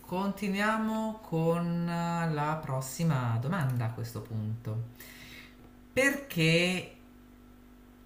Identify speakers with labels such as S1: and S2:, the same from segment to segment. S1: Continuiamo con la prossima domanda a questo punto. Perché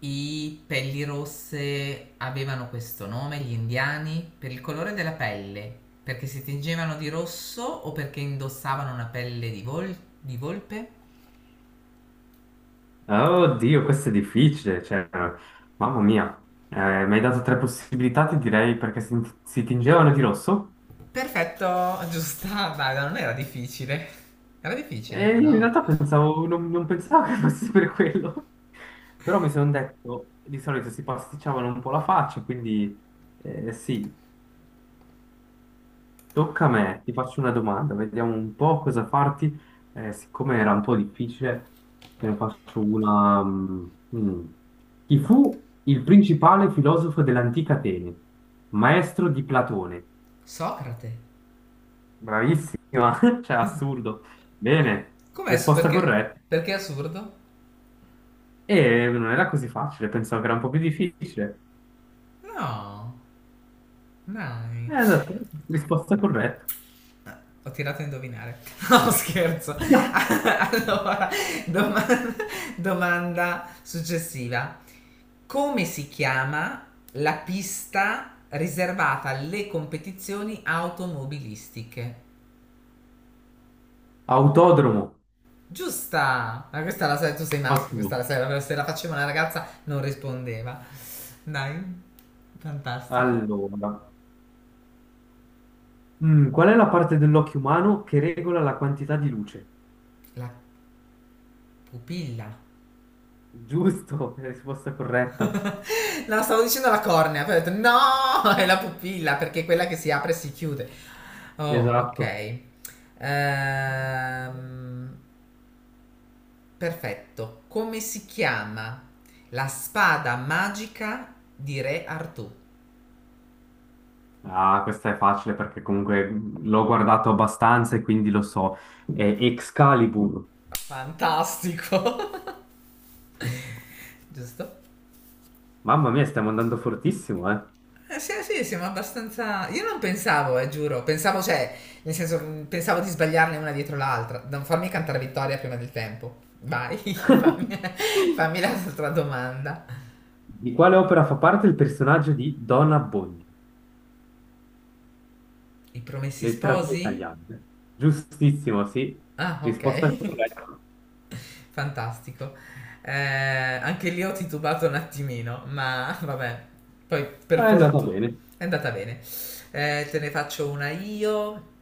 S1: i pelli rosse avevano questo nome, gli indiani? Per il colore della pelle? Perché si tingevano di rosso o perché indossavano una pelle di volpe?
S2: Ah, oddio, questo è difficile, cioè, mamma mia, mi hai dato tre possibilità, ti direi, perché si tingevano di rosso
S1: Perfetto, giusta, dai, non era difficile. Era difficile,
S2: e in
S1: no.
S2: realtà pensavo, non pensavo che fosse per quello, però mi sono detto, di solito si pasticciavano un po' la faccia, quindi sì. Tocca a me, ti faccio una domanda, vediamo un po' cosa farti. Siccome era un po' difficile, te ne faccio una. Mm. Chi fu il principale filosofo dell'antica Atene? Maestro di Platone.
S1: Socrate.
S2: Bravissima, cioè assurdo. Bene,
S1: Com'è su
S2: risposta
S1: perché?
S2: corretta.
S1: Perché è assurdo?
S2: E non era così facile, pensavo che era un po' più difficile.
S1: No, dai.
S2: Esatto, risposta corretta.
S1: Ho tirato a indovinare. No, scherzo. Allora, domanda, domanda successiva. Come si chiama la pista riservata alle competizioni automobilistiche?
S2: Autodromo,
S1: Giusta! Ma questa la sai, tu sei maschio, questa la
S2: ottimo.
S1: sai, se la faceva una ragazza non rispondeva. Dai, fantastico.
S2: Allora. Qual è la parte dell'occhio umano che regola la quantità di luce?
S1: La pupilla.
S2: Giusto, è la risposta corretta.
S1: No, stavo dicendo la cornea, poi ho detto no, è la pupilla perché è quella che si apre e si chiude. Oh,
S2: Esatto.
S1: ok. Ehm, Perfetto. Come si chiama la spada magica di Re Artù?
S2: Ah, questa è facile perché comunque l'ho guardato abbastanza e quindi lo so. È Excalibur.
S1: Fantastico. Giusto?
S2: Mamma mia, stiamo andando fortissimo, eh.
S1: Sì, sì, siamo abbastanza. Io non pensavo, giuro. Pensavo, cioè, nel senso, pensavo di sbagliarne una dietro l'altra. Non farmi cantare vittoria prima del tempo. Vai, fammi, fammi l'altra domanda.
S2: Di quale opera fa parte il personaggio di Don Abbondio?
S1: I promessi
S2: Letteratura
S1: sposi?
S2: italiana. Giustissimo, sì.
S1: Ah, ok.
S2: Risposta corretta.
S1: Fantastico. Anche lì ho titubato un attimino, ma vabbè. Poi, per
S2: Ma è andata
S1: fortuna,
S2: bene.
S1: è andata bene. Te ne faccio una io.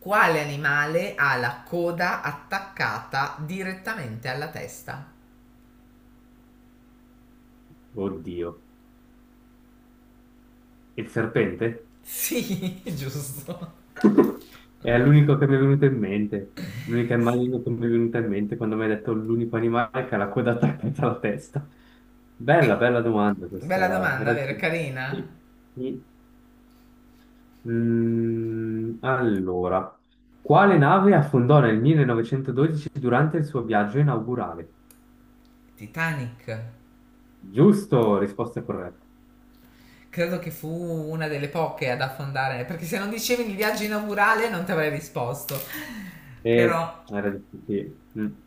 S1: Quale animale ha la coda attaccata direttamente alla testa?
S2: Oddio. Il serpente?
S1: Sì, giusto.
S2: È l'unico che mi è venuto in mente, l'unica immagine che mi è venuta in mente quando mi hai detto l'unico animale che ha la coda attaccata alla testa. Bella,
S1: Eh,
S2: bella domanda questa,
S1: Bella
S2: era,
S1: domanda,
S2: era
S1: vero?
S2: dura.
S1: Carina.
S2: Sì, sì. Allora, quale nave affondò nel 1912 durante il suo viaggio inaugurale?
S1: Titanic.
S2: Giusto, risposta corretta.
S1: Credo che fu una delle poche ad affondare, perché se non dicevi il viaggio inaugurale non ti avrei risposto. Però,
S2: Era difficile. Mm.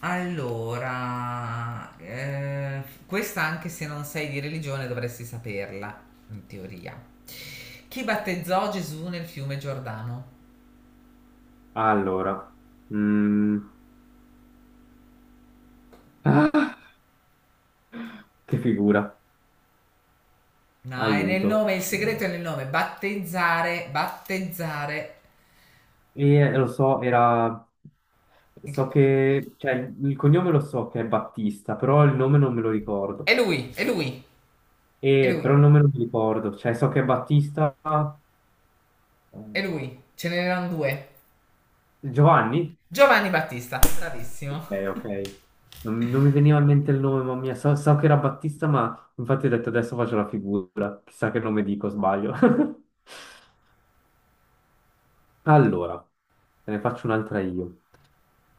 S1: allora, questa anche se non sei di religione dovresti saperla, in teoria. Chi battezzò Gesù nel fiume Giordano?
S2: Allora, mm, ah, che figura,
S1: No, è nel
S2: aiuto.
S1: nome, il segreto è nel nome. Battezzare, battezzare.
S2: Lo so, era...
S1: Il cu-
S2: So che... Cioè, il cognome lo so che è Battista, però il nome non me lo
S1: È
S2: ricordo.
S1: lui, è lui, è
S2: E,
S1: lui,
S2: però il nome non mi ricordo. Cioè, so che è Battista...
S1: è
S2: eh,
S1: lui. Ce n'erano due.
S2: Giovanni?
S1: Giovanni Battista,
S2: Ok,
S1: bravissimo.
S2: ok. Non mi veniva in mente il nome, mamma mia. So che era Battista, ma infatti ho detto adesso faccio la figura. Chissà che nome dico, sbaglio. Allora, te ne faccio un'altra io.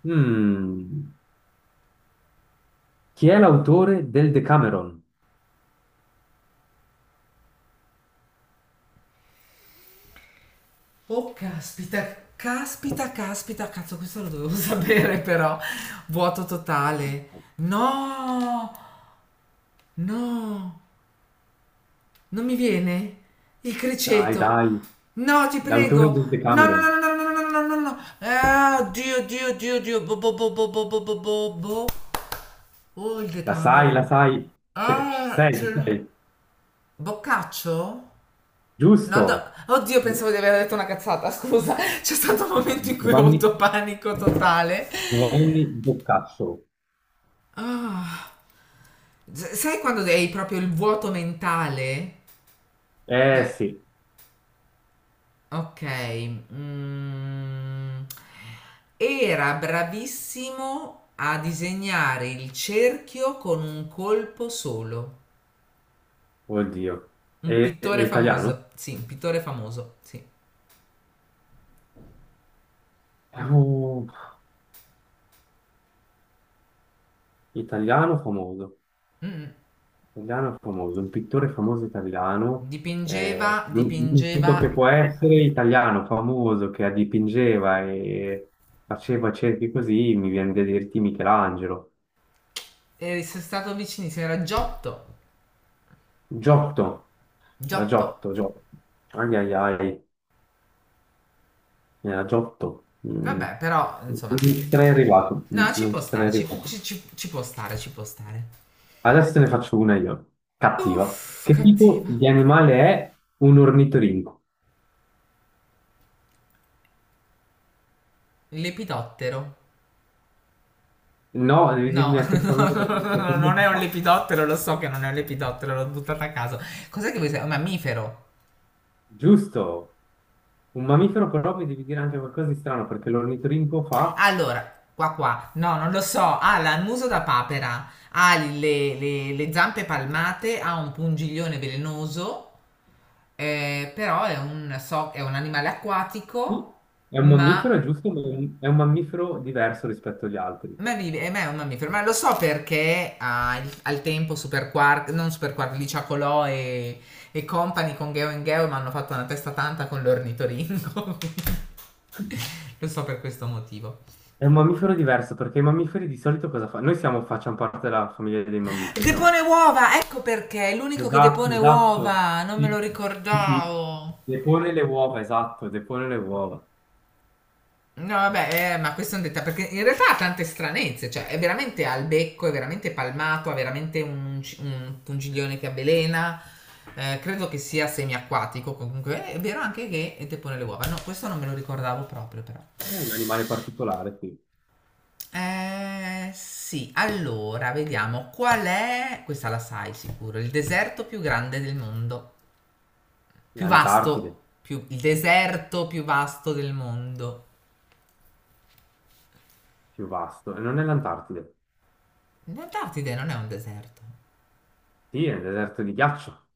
S2: Mm, Chi è l'autore del Decameron?
S1: Oh, caspita, caspita, caspita, cazzo, questo lo dovevo sapere però. Vuoto totale. No, no. Non mi viene? Il
S2: Dai,
S1: criceto?
S2: dai,
S1: No, ti
S2: l'autore
S1: prego!
S2: del
S1: No, no,
S2: Decameron,
S1: no, no, no, no, no, no, no, no! Ah, Dio, Dio, Dio, Dio! Bo, bo, bo, bo, bo, bo, bo, bo, bo. Oh, il
S2: la
S1: decamero!
S2: sai,
S1: Ah,
S2: ci
S1: c'era.
S2: sei,
S1: Boccaccio? No, no,
S2: giusto,
S1: oddio, pensavo di aver detto una cazzata, scusa. C'è stato un momento in cui ho
S2: Giovanni,
S1: avuto panico totale.
S2: Giovanni Boccaccio,
S1: Ah, sai quando hai proprio il vuoto mentale?
S2: eh
S1: Cioè,
S2: sì,
S1: okay, era bravissimo a disegnare il cerchio con un colpo solo.
S2: oddio,
S1: Un
S2: è
S1: pittore
S2: italiano?
S1: famoso, sì, un pittore famoso, sì.
S2: È un italiano famoso,
S1: Mh-mh.
S2: italiano famoso, un pittore famoso italiano,
S1: Dipingeva, dipingeva,
S2: l'unico che può essere italiano famoso che dipingeva e faceva cerchi così, mi viene da dirti Michelangelo,
S1: e sei stato vicinissimo, era Giotto,
S2: Giotto. Era
S1: Giotto.
S2: Giotto, Giotto. Ai ai ai, era Giotto. Mm.
S1: Vabbè, però, insomma,
S2: Non ci sarei arrivato,
S1: no, ci
S2: non
S1: può
S2: ci sarei
S1: stare,
S2: arrivato.
S1: ci può stare, ci può stare.
S2: Adesso te ne faccio una io. Cattiva.
S1: Uff,
S2: Che tipo
S1: cattiva.
S2: di animale è un ornitorinco?
S1: Lepidottero.
S2: No, devi
S1: No,
S2: dirmi a che famiglia
S1: non è un
S2: fa.
S1: lepidottero, lo so che non è un lepidottero, l'ho buttato a caso. Cos'è che vuoi sapere? Un mammifero.
S2: Giusto. Un mammifero però mi devi dire anche qualcosa di strano perché l'ornitorinco fa...
S1: Allora, qua qua, no, non lo so. Ha il muso da papera, ha le zampe palmate, ha un pungiglione velenoso, però è un animale acquatico,
S2: Sì, è un mammifero, è
S1: ma
S2: giusto, ma è un mammifero diverso rispetto agli altri.
S1: ma vive, ma è un mammifero, ma lo so perché ha al tempo Super Quark, non Super Quark, Licia Colò e, Company con Geo and Geo mi hanno fatto una testa tanta con l'ornitoringo. Lo so per questo motivo.
S2: È un mammifero diverso perché i mammiferi di solito cosa fanno? Noi siamo, facciamo parte della famiglia dei mammiferi,
S1: Depone
S2: no?
S1: uova, ecco perché, è l'unico che depone
S2: Esatto, esatto.
S1: uova, non me lo
S2: Sì, sì, sì.
S1: ricordavo.
S2: Depone le uova, esatto, depone le uova.
S1: No, vabbè, ma questo è un dettaglio, perché in realtà ha tante stranezze, cioè è veramente al becco, è veramente palmato, ha veramente un pungiglione che avvelena, credo che sia semiacquatico, comunque è vero anche che depone le uova, no, questo non me lo ricordavo proprio però.
S2: È un animale particolare qui.
S1: Sì, allora, vediamo, qual è, questa la sai sicuro, il deserto più grande del mondo, più vasto,
S2: L'Antartide,
S1: il deserto più vasto del mondo.
S2: più vasto. E non è l'Antartide.
S1: Non darti idea, non è un deserto,
S2: Sì, è un deserto di ghiaccio.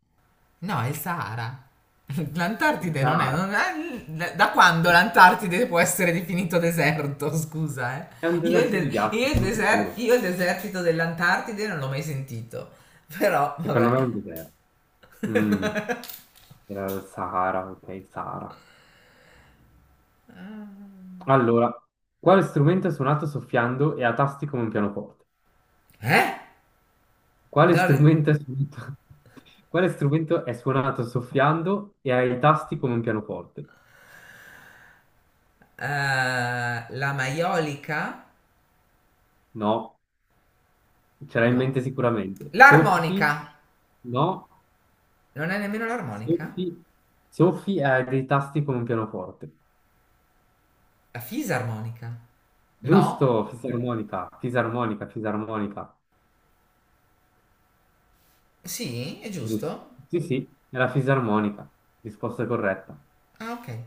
S1: no, è il Sahara.
S2: Il
S1: L'Antartide non è,
S2: Sahara.
S1: non è- Da quando l'Antartide può essere definito deserto? Scusa, eh.
S2: È un
S1: Io il,
S2: deserto di
S1: de-
S2: ghiaccio,
S1: io il
S2: sono
S1: deser-
S2: sicuro.
S1: io il desertito dell'Antartide non l'ho mai sentito. Però,
S2: Secondo
S1: vabbè.
S2: me è un deserto. Mm, era il Sahara, ok, Sahara. Allora, quale strumento è suonato soffiando e a tasti come un pianoforte?
S1: Eh?
S2: Quale
S1: Non ri-
S2: strumento è suonato? Quale strumento è suonato soffiando e ha i tasti come un pianoforte?
S1: La maiolica?
S2: No, ce l'hai in
S1: No.
S2: mente sicuramente. Soffi,
S1: L'armonica?
S2: no,
S1: Non è nemmeno l'armonica?
S2: soffi, soffi e ha dei tasti come un pianoforte.
S1: La fisarmonica? No?
S2: Giusto, fisarmonica, fisarmonica, fisarmonica.
S1: Sì, è
S2: Giusto.
S1: giusto?
S2: Sì, sì, è la fisarmonica. Risposta corretta.
S1: Ah, ok.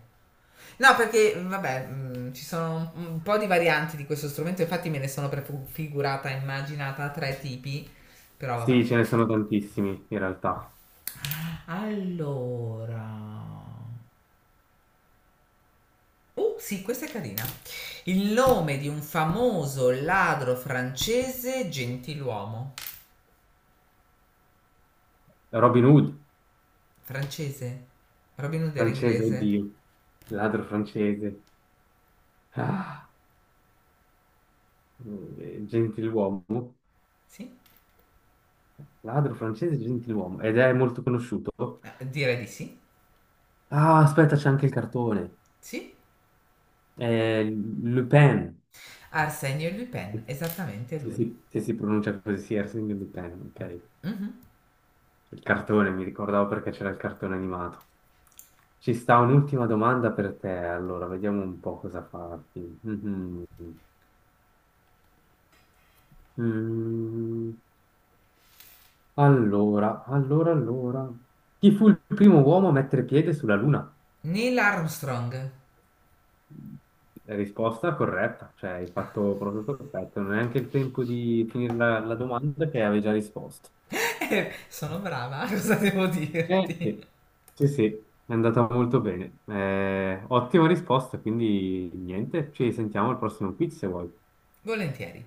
S1: No, perché vabbè, ci sono un po' di varianti di questo strumento, infatti me ne sono prefigurata, immaginata tre tipi, però vabbè.
S2: Sì, ce ne sono tantissimi in realtà.
S1: Allora. Oh, sì, questa è carina. Il nome di un famoso ladro francese gentiluomo.
S2: Robin Hood,
S1: Francese? Robin Hood era
S2: francese,
S1: inglese?
S2: oddio, ladro francese. Ah. Gentiluomo,
S1: Sì?
S2: ladro francese Gentiluomo, ed è molto conosciuto.
S1: Direi di sì.
S2: Ah, aspetta, c'è anche il cartone.
S1: Sì?
S2: È Le Pen,
S1: Arsenio Lupin, esattamente lui.
S2: se si pronuncia così, sì, Arsène Lupin, ok. Il cartone, mi ricordavo perché c'era il cartone animato. Ci sta un'ultima domanda per te, allora, vediamo un po' cosa farti. Mhm. Mm, allora, allora, allora. Chi fu il primo uomo a mettere piede sulla Luna?
S1: Neil Armstrong.
S2: La risposta corretta, cioè hai fatto proprio perfetto, non è neanche il tempo di finire la domanda che avevi già risposto.
S1: Sono brava, cosa devo dirti?
S2: Sì, sì, sì, è andata molto bene. Ottima risposta, quindi niente, ci sentiamo al prossimo quiz se vuoi.
S1: Volentieri.